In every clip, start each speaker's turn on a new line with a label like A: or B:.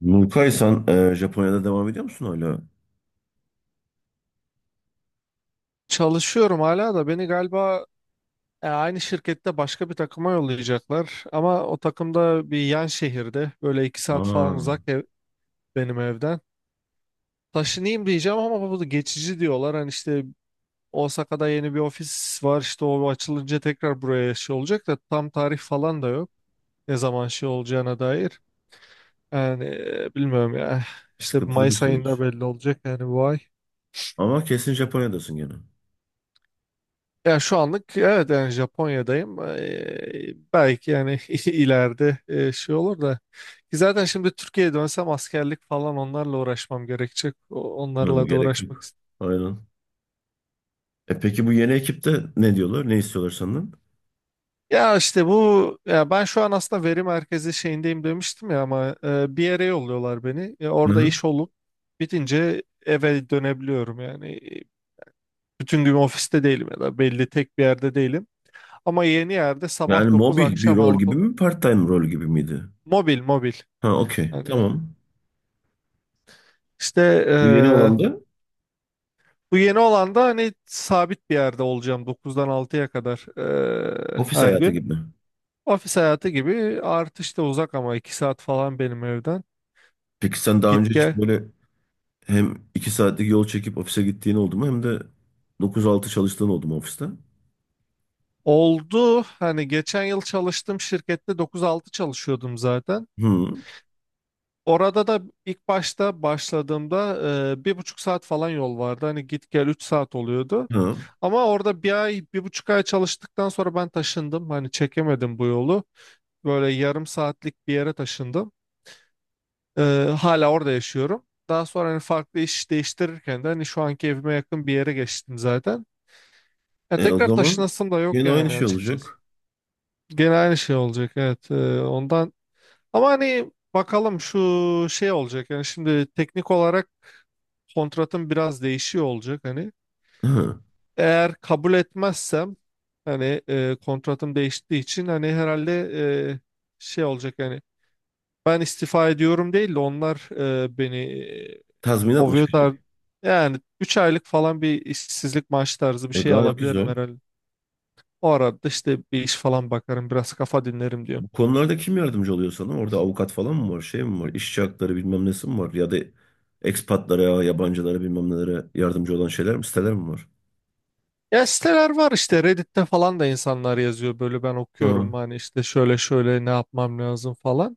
A: Nurkay sen Japonya'da devam ediyor musun hala?
B: Çalışıyorum hala da beni galiba aynı şirkette başka bir takıma yollayacaklar. Ama o takımda bir yan şehirde böyle iki saat
A: Aa,
B: falan uzak ev, benim evden. Taşınayım diyeceğim ama bu da geçici diyorlar. Hani işte Osaka'da yeni bir ofis var, işte o açılınca tekrar buraya şey olacak da tam tarih falan da yok. Ne zaman şey olacağına dair. Yani bilmiyorum ya. İşte
A: sıkıntılı bir
B: Mayıs
A: süreç.
B: ayında belli olacak, yani bu ay.
A: Ama kesin Japonya'dasın gene.
B: Ya şu anlık evet, yani Japonya'dayım. Belki yani ileride şey olur da. Ki zaten şimdi Türkiye'ye dönsem askerlik falan onlarla uğraşmam gerekecek.
A: Hı,
B: Onlarla da
A: gerek
B: uğraşmak
A: yok.
B: istiyorum.
A: Aynen. E peki bu yeni ekipte ne diyorlar? Ne istiyorlar senden?
B: Ya işte bu, ya ben şu an aslında veri merkezi şeyindeyim demiştim ya, ama bir yere yolluyorlar beni. Ya
A: Hı
B: orada
A: hı.
B: iş olup bitince eve dönebiliyorum yani. Bütün gün ofiste değilim ya da belli tek bir yerde değilim. Ama yeni yerde
A: Yani
B: sabah 9
A: mobil bir
B: akşam
A: rol
B: 6
A: gibi mi? Part-time rol gibi miydi?
B: mobil mobil.
A: Ha, okey.
B: Hani,
A: Tamam.
B: İşte
A: Bu yeni
B: eee,
A: olan da
B: bu yeni olan da hani sabit bir yerde olacağım dokuzdan altıya kadar,
A: ofis
B: her
A: hayatı
B: gün.
A: gibi.
B: Ofis hayatı gibi artış da uzak, ama 2 saat falan benim evden.
A: Peki sen daha önce
B: Git
A: hiç
B: gel.
A: böyle hem 2 saatlik yol çekip ofise gittiğin oldu mu, hem de 9-6 çalıştığın oldu mu ofiste?
B: Oldu, hani geçen yıl çalıştığım şirkette dokuz altı çalışıyordum zaten.
A: Hı.
B: Orada da ilk başta başladığımda 1,5 saat falan yol vardı. Hani git gel 3 saat oluyordu.
A: Ha.
B: Ama orada bir ay, 1,5 ay çalıştıktan sonra ben taşındım. Hani çekemedim bu yolu. Böyle yarım saatlik bir yere taşındım. Ee, hala orada yaşıyorum. Daha sonra hani farklı iş değiştirirken de hani şu anki evime yakın bir yere geçtim zaten. Ya
A: E, o
B: tekrar
A: zaman
B: taşınasım da yok
A: yine aynı
B: yani,
A: şey
B: açıkçası.
A: olacak.
B: Gene aynı şey olacak, evet. Ondan, ama hani bakalım şu şey olacak. Yani şimdi teknik olarak kontratım biraz değişiyor olacak, hani.
A: Hı,
B: Eğer kabul etmezsem hani kontratım değiştiği için hani herhalde e, şey olacak yani, ben istifa ediyorum değil de onlar beni e,
A: tazminat mı
B: kovuyor,
A: çıkacak?
B: yani 3 aylık falan bir işsizlik maaşı tarzı bir
A: E,
B: şey
A: gayet
B: alabilirim
A: güzel.
B: herhalde. O arada işte bir iş falan bakarım, biraz kafa dinlerim diyor.
A: Bu konularda kim yardımcı oluyor sana? Orada avukat falan mı var? Şey mi var? İşçi hakları bilmem nesi mi var? Ya da ekspatlara, yabancılara bilmem nelere yardımcı olan şeyler mi? Siteler mi var?
B: Ya siteler var, işte Reddit'te falan da insanlar yazıyor böyle, ben okuyorum
A: Hı.
B: hani işte şöyle şöyle ne yapmam lazım falan.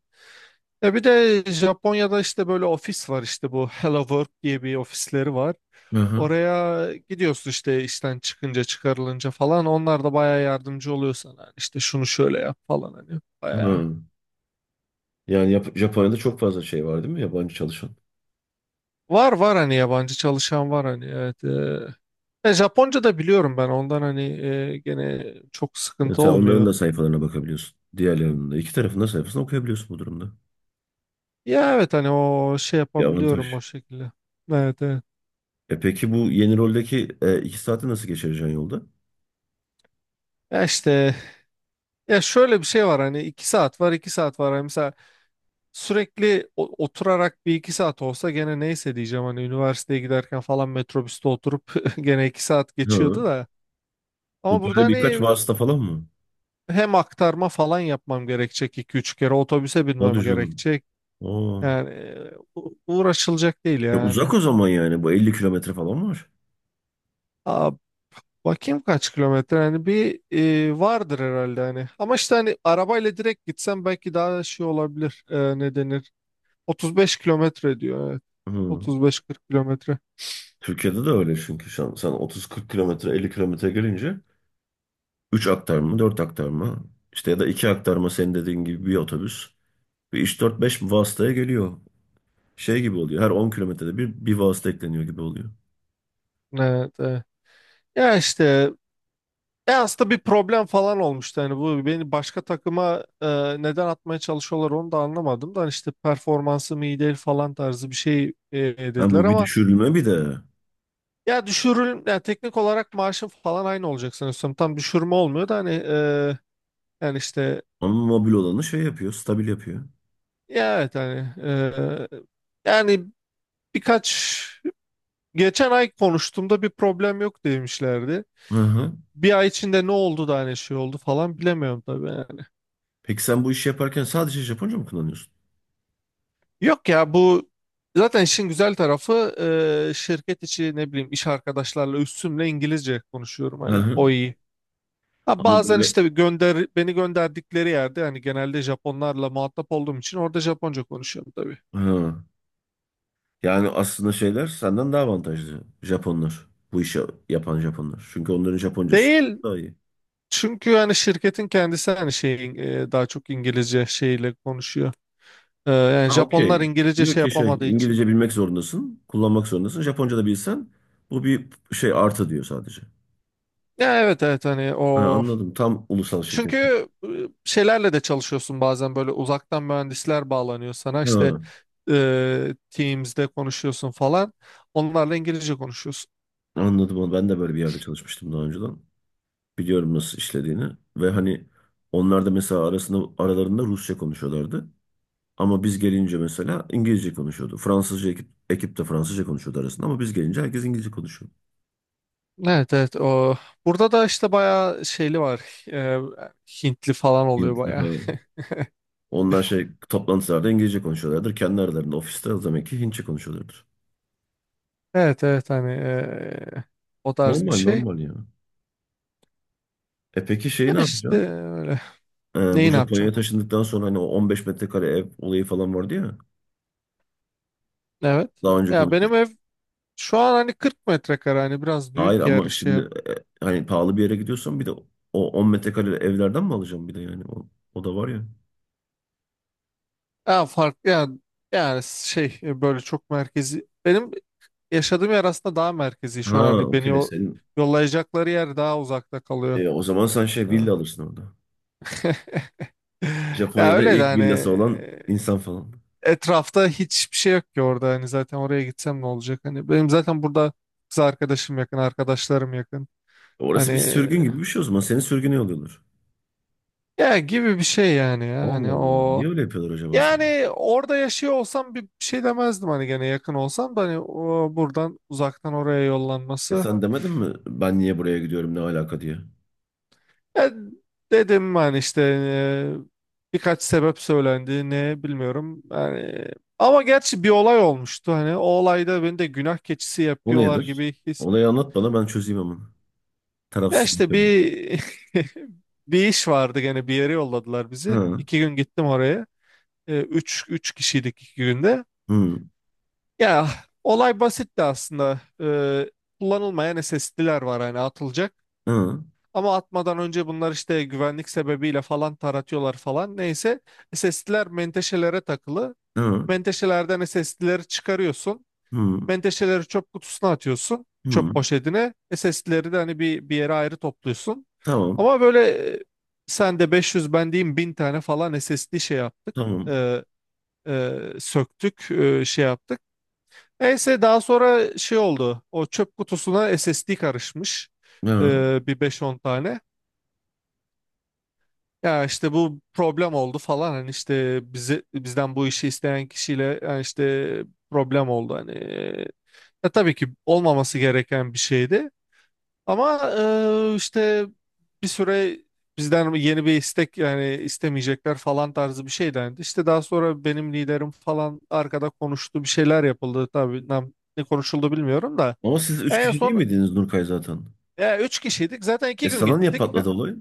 B: Ya bir de Japonya'da işte böyle ofis var, işte bu Hello Work diye bir ofisleri var.
A: Hı hı.
B: Oraya gidiyorsun işte işten çıkınca, çıkarılınca falan onlar da bayağı yardımcı oluyor sana. Hani işte şunu şöyle yap falan, hani bayağı.
A: Yani Japonya'da çok fazla şey var değil mi? Yabancı çalışan.
B: Var var, hani yabancı çalışan var, hani evet. Japonca da biliyorum ben ondan, hani gene çok
A: Yani
B: sıkıntı
A: sen onların da
B: olmuyor.
A: sayfalarına bakabiliyorsun. Diğerlerinin de. İki tarafın da sayfasına okuyabiliyorsun bu durumda.
B: Ya evet, hani o şey
A: Bir
B: yapabiliyorum
A: avantaj.
B: o şekilde. Evet evet.
A: E peki bu yeni roldeki 2 saati nasıl geçireceksin yolda?
B: Ya işte, ya şöyle bir şey var, hani iki saat var iki saat var. Hani mesela sürekli oturarak bir iki saat olsa gene neyse diyeceğim hani, üniversiteye giderken falan metrobüste oturup gene iki saat geçiyordu
A: Hı.
B: da.
A: Bu
B: Ama burada
A: böyle birkaç
B: hani
A: vasıta falan mı?
B: hem aktarma falan yapmam gerekecek, iki üç kere otobüse
A: Hadi
B: binmem
A: canım.
B: gerekecek.
A: Aa.
B: Yani uğraşılacak değil
A: E, uzak
B: yani.
A: o zaman yani. Bu 50 kilometre falan var.
B: Bakayım kaç kilometre, hani bir vardır herhalde hani. Ama işte hani arabayla direkt gitsem belki daha şey olabilir. E, ne denir? 35 kilometre diyor. Evet.
A: Hı.
B: 35-40 kilometre.
A: Türkiye'de de öyle çünkü. Şu an sen 30-40 kilometre, 50 kilometre gelince 3 aktarma, 4 aktarma işte, ya da 2 aktarma senin dediğin gibi bir otobüs. Bir 3-4-5 vasıtaya geliyor. Şey gibi oluyor. Her 10 kilometrede bir vasıta ekleniyor gibi oluyor.
B: Evet, evet. Ya işte, aslında bir problem falan olmuştu. Hani bu beni başka takıma neden atmaya çalışıyorlar onu da anlamadım. Da hani işte performansım iyi değil falan tarzı bir şey
A: Ha,
B: dediler,
A: bu bir
B: ama
A: düşürülme bir de.
B: ya düşürül, ya teknik olarak maaşım falan aynı olacak sanıyorsam. Tam düşürme olmuyor da hani yani işte,
A: Ama mobil olanı şey yapıyor. Stabil yapıyor.
B: ya evet hani yani birkaç geçen ay konuştuğumda bir problem yok demişlerdi.
A: Hı hı.
B: Bir ay içinde ne oldu da hani şey oldu falan bilemiyorum tabii yani.
A: Peki sen bu işi yaparken sadece Japonca mı kullanıyorsun?
B: Yok ya, bu zaten işin güzel tarafı, şirket içi ne bileyim iş arkadaşlarla üstümle İngilizce konuşuyorum,
A: Hı
B: hani
A: hı.
B: o iyi. Ha,
A: Ama
B: bazen
A: böyle...
B: işte bir gönder, beni gönderdikleri yerde hani genelde Japonlarla muhatap olduğum için orada Japonca konuşuyorum tabii.
A: Hı. Yani aslında şeyler senden daha avantajlı. Japonlar. Bu işi yapan Japonlar. Çünkü onların Japoncası
B: Değil.
A: daha iyi.
B: Çünkü yani şirketin kendisi hani şeyin daha çok İngilizce şeyle konuşuyor. Yani
A: Ha,
B: Japonlar
A: okey.
B: İngilizce
A: Diyor
B: şey
A: ki şey,
B: yapamadığı için.
A: İngilizce bilmek zorundasın. Kullanmak zorundasın. Japonca da bilsen bu bir şey artı diyor sadece.
B: Ya evet evet, hani
A: Ha,
B: o,
A: anladım. Tam ulusal şirket.
B: çünkü şeylerle de çalışıyorsun bazen, böyle uzaktan mühendisler bağlanıyor sana, işte
A: Ha,
B: Teams'de konuşuyorsun falan. Onlarla İngilizce konuşuyorsun.
A: anladım onu. Ben de böyle bir yerde çalışmıştım daha önceden. Biliyorum nasıl işlediğini. Ve hani onlar da mesela arasında, aralarında Rusça konuşuyorlardı. Ama biz gelince mesela İngilizce konuşuyordu. Fransızca ekip, ekip de Fransızca konuşuyordu arasında, ama biz gelince herkes İngilizce konuşuyor.
B: Evet evet, o burada da işte bayağı şeyli var. Hintli falan oluyor
A: Hintli,
B: bayağı.
A: ha. Onlar şey toplantılarda İngilizce konuşuyorlardır. Kendi aralarında ofiste o demek ki Hintçe konuşuyorlardır.
B: Evet evet, hani o tarz bir
A: Normal
B: şey.
A: normal ya. E peki şeyi
B: Ya
A: ne
B: işte
A: yapacaksın?
B: öyle.
A: Bu
B: Neyi ne
A: Japonya'ya
B: yapacağım?
A: taşındıktan sonra hani o 15 metrekare ev olayı falan vardı ya.
B: Evet.
A: Daha önce
B: Ya benim
A: konuşmuştuk.
B: ev şu an hani 40 metrekare, hani biraz
A: Hayır,
B: büyük yer
A: ama şimdi
B: şey.
A: e, hani pahalı bir yere gidiyorsan bir de o 10 metrekare evlerden mi alacaksın bir de, yani o da var ya.
B: Ya farklı, ya yani şey, böyle çok merkezi. Benim yaşadığım yer aslında daha merkezi şu
A: Ha,
B: an, hani beni
A: okey,
B: o
A: senin
B: yollayacakları yer daha uzakta kalıyor.
A: o zaman sen şey
B: Ya
A: villa alırsın orada.
B: ya
A: Japonya'da
B: öyle de
A: ilk
B: hani
A: villası olan insan falan.
B: etrafta hiçbir şey yok ki orada, hani zaten oraya gitsem ne olacak, hani benim zaten burada kız arkadaşım yakın, arkadaşlarım yakın, hani,
A: Orası bir sürgün gibi bir şey o zaman. Seni sürgüne yolluyorlar.
B: ya gibi bir şey yani, ya
A: Allah
B: hani
A: Allah.
B: o.
A: Niye öyle yapıyorlar acaba sana?
B: Yani orada yaşıyor olsam bir şey demezdim, hani gene yakın olsam da, hani o buradan uzaktan oraya
A: E,
B: yollanması.
A: sen demedin mi ben niye buraya gidiyorum, ne alaka diye?
B: E, dedim hani işte birkaç sebep söylendi, ne bilmiyorum yani, ama gerçi bir olay olmuştu, hani o olayda beni de günah keçisi
A: O
B: yapıyorlar
A: nedir?
B: gibi his.
A: Olayı anlat bana, ben çözeyim ama.
B: Ya
A: Tarafsız
B: işte
A: bakayım.
B: bir bir iş vardı gene, bir yere yolladılar bizi.
A: Hı
B: İki gün gittim oraya. E, üç kişiydik iki günde.
A: hı,
B: Ya olay basitti aslında. Kullanılmayan SSD'ler var hani, atılacak.
A: hı
B: Ama atmadan önce bunlar işte güvenlik sebebiyle falan taratıyorlar falan. Neyse, SSD'ler menteşelere takılı.
A: hı,
B: Menteşelerden SSD'leri çıkarıyorsun.
A: hı
B: Menteşeleri çöp kutusuna atıyorsun. Çöp
A: hı.
B: poşetine. SSD'leri de hani bir yere ayrı topluyorsun.
A: Tamam,
B: Ama böyle e, sen de 500, ben diyeyim 1000 tane falan SSD şey yaptık.
A: tamam.
B: Ee, söktük, şey yaptık. Neyse daha sonra şey oldu. O çöp kutusuna SSD karışmış.
A: Hı.
B: Bir beş on tane. Ya işte bu problem oldu falan. Hani işte bize, bizden bu işi isteyen kişiyle yani işte problem oldu. Hani ya tabii ki olmaması gereken bir şeydi. Ama işte bir süre bizden yeni bir istek yani istemeyecekler falan tarzı bir şey dendi. İşte daha sonra benim liderim falan arkada konuştu. Bir şeyler yapıldı. Tabii ne konuşuldu bilmiyorum da.
A: Ama siz üç
B: En
A: kişi değil
B: son,
A: miydiniz Nurkay zaten?
B: ya üç kişiydik. Zaten
A: E,
B: iki gün
A: sana niye
B: gittik.
A: patladı olay?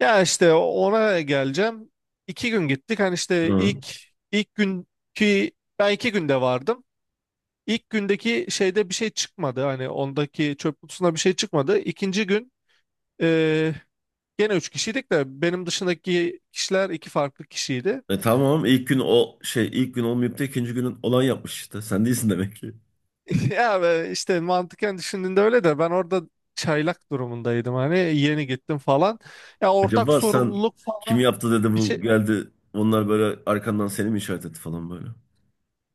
B: Ya işte ona geleceğim. İki gün gittik. Hani işte
A: Hı.
B: ilk günkü, ben iki günde vardım. İlk gündeki şeyde bir şey çıkmadı. Hani ondaki çöp kutusunda bir şey çıkmadı. İkinci gün e, gene üç kişiydik de benim dışındaki kişiler iki farklı kişiydi.
A: E tamam, ilk gün o şey, ilk gün olmayıp da ikinci günün olan yapmış işte. Sen değilsin demek ki.
B: Ya ve işte mantıken düşündüğünde öyle de ben orada çaylak durumundaydım. Hani yeni gittim falan. Ya ortak
A: Acaba sen,
B: sorumluluk
A: kim
B: falan
A: yaptı dedi
B: bir
A: bu
B: şey.
A: geldi. Onlar böyle arkandan seni mi işaret etti falan böyle.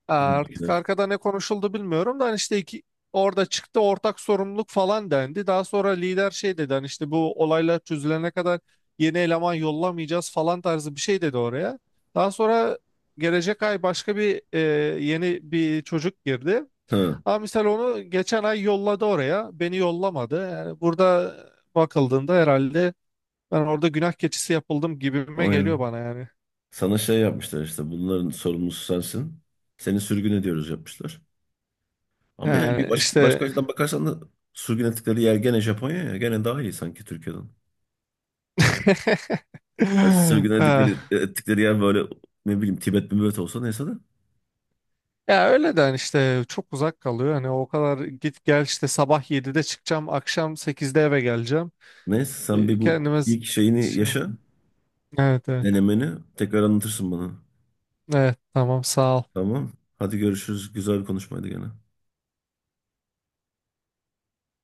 B: Artık
A: Filmdekiler.
B: arkada ne konuşuldu bilmiyorum da, hani işte iki, orada çıktı ortak sorumluluk falan dendi. Daha sonra lider şey dedi, hani işte bu olaylar çözülene kadar yeni eleman yollamayacağız falan tarzı bir şey dedi oraya. Daha sonra gelecek ay başka bir yeni bir çocuk girdi.
A: Ha,
B: Ama misal onu geçen ay yolladı oraya. Beni yollamadı. Yani burada bakıldığında herhalde ben orada günah keçisi yapıldım gibime geliyor
A: aynen.
B: bana yani.
A: Sana şey yapmışlar, işte bunların sorumlusu sensin. Seni sürgün ediyoruz yapmışlar. Ama yani bir
B: Yani
A: başka, başka
B: işte
A: açıdan bakarsan da sürgün ettikleri yer gene Japonya ya. Gene daha iyi sanki Türkiye'den. Ya sürgün ettikleri, ettikleri yer böyle ne bileyim Tibet Tibet olsa neyse de.
B: Ya öyle de hani işte çok uzak kalıyor. Hani o kadar git gel, işte sabah 7'de çıkacağım, akşam 8'de eve geleceğim.
A: Neyse sen bir bu
B: Kendime
A: ilk şeyini
B: şey
A: yaşa.
B: olmuyor. Evet evet.
A: Denemeni tekrar anlatırsın bana.
B: Evet tamam, sağ ol.
A: Tamam. Hadi görüşürüz. Güzel bir konuşmaydı gene.